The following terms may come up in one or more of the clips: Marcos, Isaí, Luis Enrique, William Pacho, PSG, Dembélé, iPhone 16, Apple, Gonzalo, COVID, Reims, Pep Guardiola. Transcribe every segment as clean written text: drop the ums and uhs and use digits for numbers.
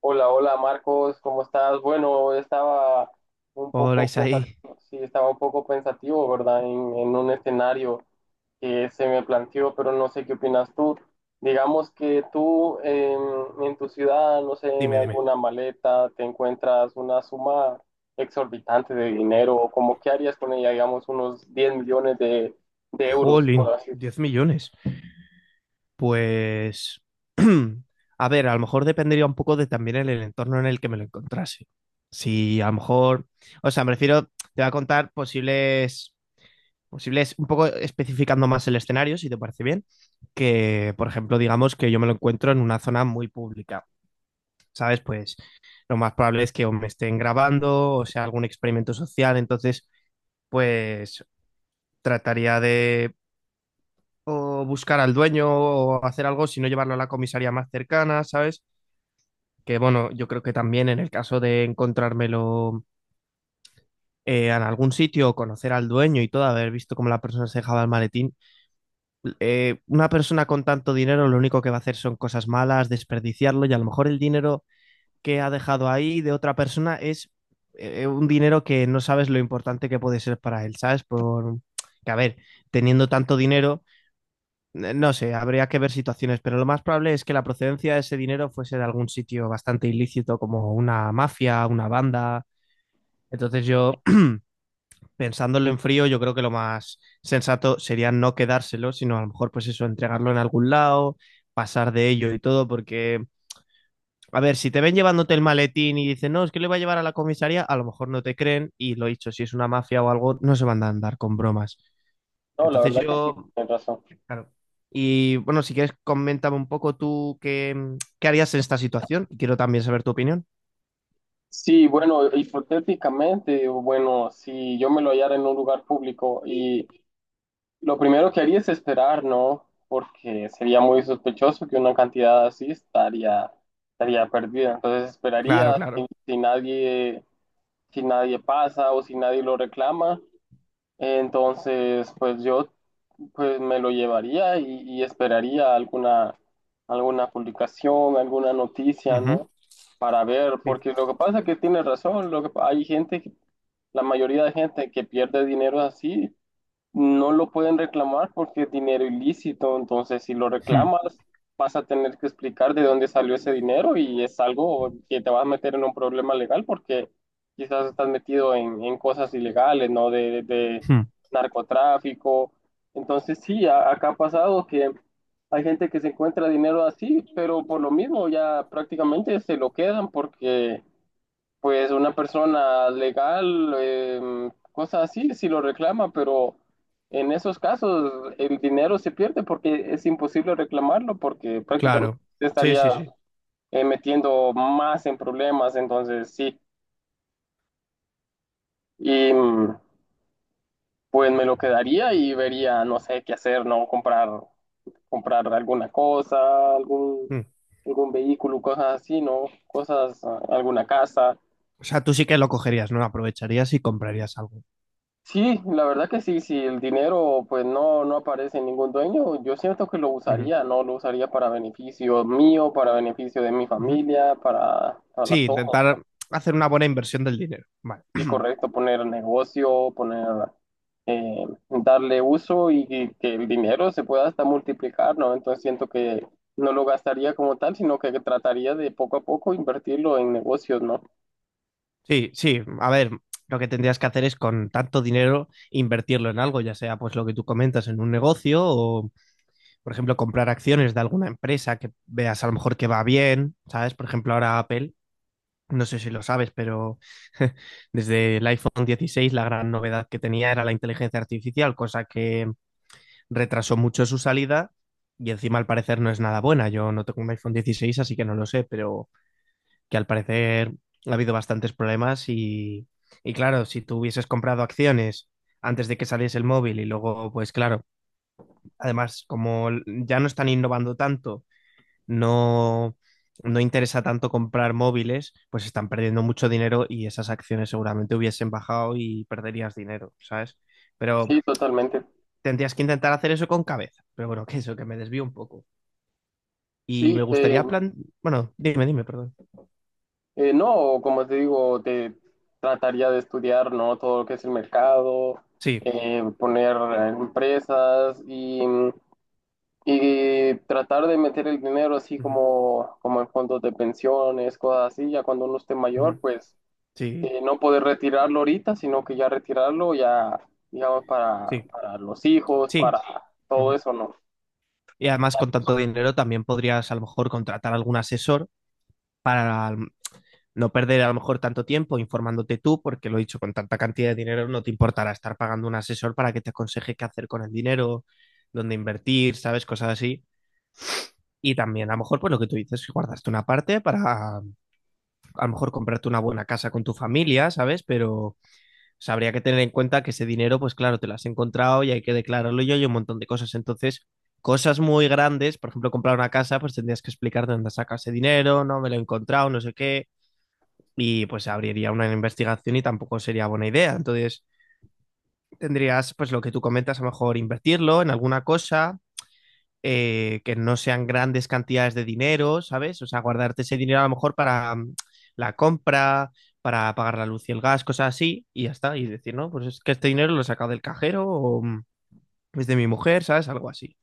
Hola, hola Marcos, ¿cómo estás? Bueno, estaba un Hola, poco Isaí. pensativo, sí, estaba un poco pensativo, ¿verdad? En un escenario que se me planteó, pero no sé qué opinas tú. Digamos que en tu ciudad, no sé, en Dime, dime. alguna maleta, te encuentras una suma exorbitante de dinero, o como qué harías con ella, digamos, unos 10 millones de euros, por Jolín, así. 10 millones. Pues, a ver, a lo mejor dependería un poco de también el entorno en el que me lo encontrase. Si a lo mejor, o sea, me refiero, te voy a contar posibles, un poco especificando más el escenario, si te parece bien, que, por ejemplo, digamos que yo me lo encuentro en una zona muy pública, ¿sabes? Pues lo más probable es que o me estén grabando o sea algún experimento social, entonces, pues trataría de o buscar al dueño o hacer algo, sino llevarlo a la comisaría más cercana, ¿sabes? Que bueno, yo creo que también en el caso de encontrármelo en algún sitio o conocer al dueño y todo, haber visto cómo la persona se dejaba el maletín, una persona con tanto dinero lo único que va a hacer son cosas malas, desperdiciarlo, y a lo mejor el dinero que ha dejado ahí de otra persona es un dinero que no sabes lo importante que puede ser para él, ¿sabes? Por que a ver, teniendo tanto dinero. No sé, habría que ver situaciones, pero lo más probable es que la procedencia de ese dinero fuese de algún sitio bastante ilícito, como una mafia, una banda. Entonces yo, pensándolo en frío, yo creo que lo más sensato sería no quedárselo, sino a lo mejor, pues eso, entregarlo en algún lado, pasar de ello y todo, porque, a ver, si te ven llevándote el maletín y dicen, no, es que le voy a llevar a la comisaría, a lo mejor no te creen, y lo dicho, si es una mafia o algo, no se van a andar con bromas. No, la Entonces verdad que sí, yo. tienes razón. Claro. Y bueno, si quieres, coméntame un poco tú qué, qué harías en esta situación. Y quiero también saber tu opinión. Sí, bueno, hipotéticamente, o bueno, si yo me lo hallara en un lugar público y lo primero que haría es esperar, ¿no? Porque sería muy sospechoso que una estaría perdida. Entonces Claro, esperaría claro. Si nadie pasa o si nadie lo reclama, entonces pues yo pues me lo llevaría y, alguna publicación, alguna noticia, Ujú. ¿no? Para ver, Sí. porque lo que pasa es que tiene razón, lo que, hay la mayoría de gente que pierde dinero así no lo pueden reclamar porque es dinero ilícito. Entonces si lo Hmm, reclamas vas a tener que explicar de dónde salió ese dinero y es algo que te vas a meter en un problema legal, porque quizás estás metido en cosas ilegales, ¿no? De hmm. narcotráfico. Entonces sí, acá ha pasado que hay gente que se encuentra dinero así, pero por lo mismo ya prácticamente se lo quedan, porque pues una persona legal, cosas así, si lo reclama, pero en esos casos el dinero se pierde porque es imposible reclamarlo, porque prácticamente Claro. te Sí, sí, estaría sí. Metiendo más en problemas. Entonces sí, y pues me lo quedaría y vería, no sé qué hacer, no comprar alguna cosa, Mm. algún vehículo, cosas así, no, cosas, ah, alguna casa. O sea, tú sí que lo cogerías, ¿no? Aprovecharías y comprarías algo. Sí, la verdad que sí, si el dinero pues no, no aparece en ningún dueño, yo siento que lo Ujú, usaría, ¿no? Lo usaría para beneficio mío, para beneficio de mi ujú. familia, para Sí, todo. intentar hacer una buena inversión del dinero. Vale. Sí, correcto, poner eh, darle uso y que el dinero se pueda hasta multiplicar, ¿no? Entonces siento que no lo gastaría como tal, sino que trataría de poco a poco invertirlo en negocios, ¿no? Sí, sí. A ver, lo que tendrías que hacer es, con tanto dinero, invertirlo en algo, ya sea pues lo que tú comentas en un negocio o, por ejemplo, comprar acciones de alguna empresa que veas a lo mejor que va bien, ¿sabes? Por ejemplo, ahora Apple, no sé si lo sabes, pero desde el iPhone 16 la gran novedad que tenía era la inteligencia artificial, cosa que retrasó mucho su salida y encima al parecer no es nada buena. Yo no tengo un iPhone 16, así que no lo sé, pero que al parecer ha habido bastantes problemas. Y claro, si tú hubieses comprado acciones antes de que saliese el móvil y luego, pues claro, además, como ya no están innovando tanto, no, no interesa tanto comprar móviles, pues están perdiendo mucho dinero y esas acciones seguramente hubiesen bajado y perderías dinero, ¿sabes? Pero Sí, totalmente. tendrías que intentar hacer eso con cabeza. Pero bueno, que eso, que me desvío un poco. Y me Sí, eh, gustaría plan... Bueno, dime, dime, perdón. No, como te digo, te trataría de estudiar, ¿no? Todo lo que es el mercado, Sí. Poner empresas y tratar de meter el dinero así Ujú, como en fondos de pensiones, cosas así, ya cuando uno esté mayor, ujú. pues Sí, no poder retirarlo ahorita, sino que ya retirarlo ya, digamos, sí, para los hijos, sí. para todo Ujú. eso, ¿no? Y además, con tanto dinero, también podrías a lo mejor contratar algún asesor para no perder a lo mejor tanto tiempo informándote tú, porque lo he dicho, con tanta cantidad de dinero no te importará estar pagando un asesor para que te aconseje qué hacer con el dinero, dónde invertir, ¿sabes? Cosas así. Y también a lo mejor, pues lo que tú dices, guardaste una parte para a lo mejor comprarte una buena casa con tu familia, ¿sabes? Pero o habría que tener en cuenta que ese dinero, pues claro, te lo has encontrado y hay que declararlo y hay un montón de cosas. Entonces, cosas muy grandes, por ejemplo, comprar una casa, pues tendrías que explicar de dónde sacas ese dinero, no me lo he encontrado, no sé qué, y pues abriría una investigación y tampoco sería buena idea. Entonces tendrías, pues lo que tú comentas, a lo mejor invertirlo en alguna cosa, que no sean grandes cantidades de dinero, ¿sabes? O sea, guardarte ese dinero a lo mejor para la compra, para pagar la luz y el gas, cosas así, y ya está. Y decir, no, pues es que este dinero lo he sacado del cajero o es de mi mujer, ¿sabes? Algo así.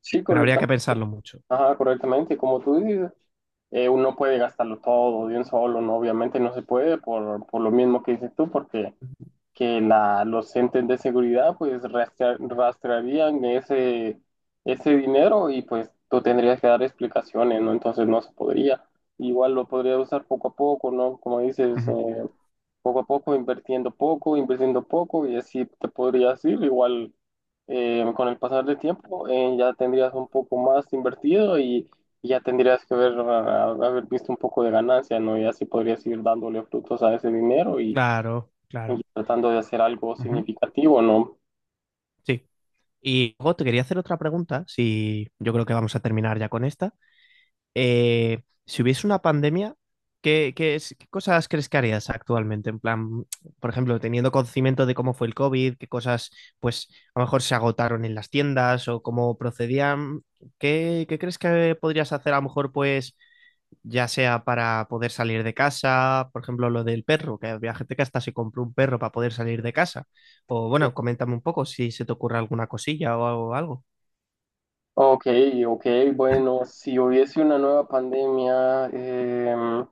Sí, Pero habría correcto. que pensarlo mucho. Ajá, correctamente. Y como tú dices, uno puede gastarlo todo de un solo, ¿no? Obviamente no se puede por lo mismo que dices tú, porque que la, los entes de seguridad pues rastrearían ese dinero y pues tú tendrías que dar explicaciones, ¿no? Entonces no se podría. Igual lo podría usar poco a poco, ¿no? Como dices, Ujú. Poco a poco, invirtiendo poco, invirtiendo poco, y así te podrías ir. Igual con el pasar del tiempo ya tendrías un poco más invertido y ya tendrías que ver, ah, haber visto un poco de ganancia, ¿no? Y así podrías ir dándole frutos a ese dinero Claro, y claro. tratando de hacer algo Ujú. significativo, ¿no? Sí. Y luego te quería hacer otra pregunta, si yo creo que vamos a terminar ya con esta. Si hubiese una pandemia, ¿qué, qué cosas crees que harías actualmente? En plan, por ejemplo, teniendo conocimiento de cómo fue el COVID, qué cosas, pues, a lo mejor se agotaron en las tiendas o cómo procedían, ¿qué, qué crees que podrías hacer a lo mejor, pues, ya sea para poder salir de casa, por ejemplo, lo del perro, que había gente que hasta se compró un perro para poder salir de casa? O bueno, coméntame un poco si se te ocurre alguna cosilla o algo. Ok, ok, bueno, si hubiese una nueva pandemia,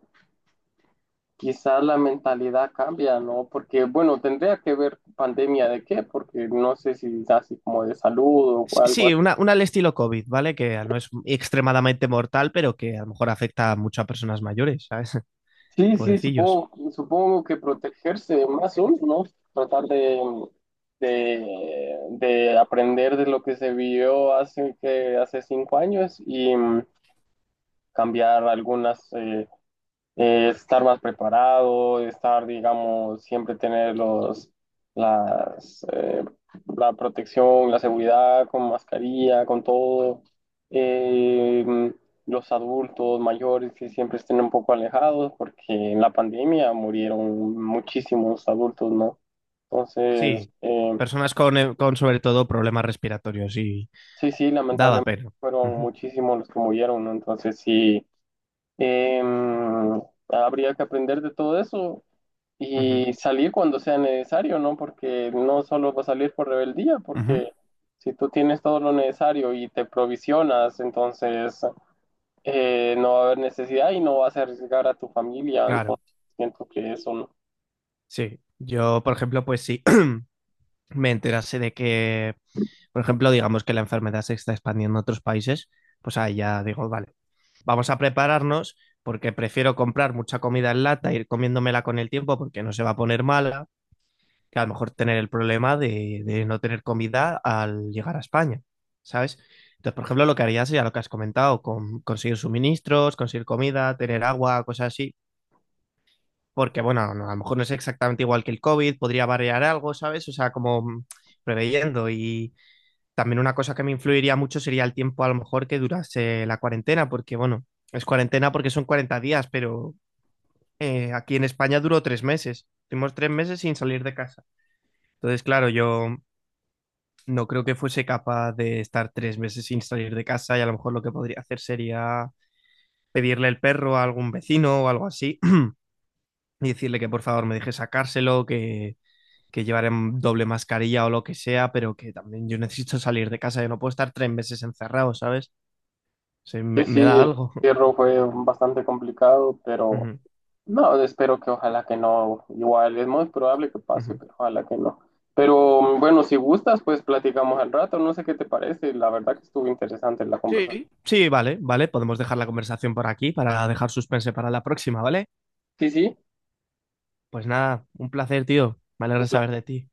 quizás la mentalidad cambia, ¿no? Porque, bueno, tendría que ver pandemia de qué, porque no sé si es así como de salud o Sí, algo sí, así. Una al estilo COVID, ¿vale? Que no es extremadamente mortal, pero que a lo mejor afecta mucho a personas mayores, ¿sabes? Sí, sí, Pobrecillos. supongo, supongo que protegerse más uno, ¿no? Tratar de aprender de lo que se vio hace, que, hace 5 años y cambiar algunas... estar más preparado, estar, digamos, siempre tener las, eh, la protección, la seguridad con mascarilla, con todo. Eh, los adultos mayores que siempre estén un poco alejados, porque en la pandemia murieron muchísimos adultos, ¿no? Entonces, Sí, personas con, con sobre todo problemas respiratorios y sí, sí, daba lamentablemente pena. fueron Ujú, muchísimos los que murieron, ¿no? Entonces, sí, eh, habría que aprender de todo eso ujú, y salir cuando sea necesario, ¿no? Porque no solo va a salir por rebeldía, ujú. porque si tú tienes todo lo necesario y te provisionas, entonces no va a haber necesidad y no vas a arriesgar a tu familia. Claro, Entonces siento que eso, ¿no? sí. Yo, por ejemplo, pues sí. Me enterase de que, por ejemplo, digamos que la enfermedad se está expandiendo a otros países, pues ahí ya digo, vale, vamos a prepararnos, porque prefiero comprar mucha comida en lata, ir comiéndomela con el tiempo porque no se va a poner mala, que a lo mejor tener el problema de no tener comida al llegar a España, ¿sabes? Entonces, por ejemplo, lo que haría sería lo que has comentado, conseguir suministros, conseguir comida, tener agua, cosas así, porque bueno, no, a lo mejor no es exactamente igual que el COVID, podría variar algo, ¿sabes? O sea, como preveyendo. Y también una cosa que me influiría mucho sería el tiempo a lo mejor que durase la cuarentena, porque bueno, es cuarentena porque son 40 días, pero aquí en España duró 3 meses. Tuvimos 3 meses sin salir de casa. Entonces, claro, yo no creo que fuese capaz de estar 3 meses sin salir de casa, y a lo mejor lo que podría hacer sería pedirle el perro a algún vecino o algo así, y decirle que, por favor, me deje sacárselo, que llevaré doble mascarilla o lo que sea, pero que también yo necesito salir de casa, yo no puedo estar 3 meses encerrado, ¿sabes? Sí, Sí, me, sí, me da el algo. encierro fue bastante complicado, pero Ujú, no, espero que ojalá que no. Igual es muy probable que pase, ujú. pero ojalá que no. Pero bueno, si gustas, pues platicamos al rato. No sé qué te parece. La verdad que estuvo interesante la conversación. Sí, sí, vale, vale, podemos dejar la conversación por aquí para dejar suspense para la próxima, ¿vale? Sí, sí. Pues nada, un placer, tío. Me alegra saber de ti.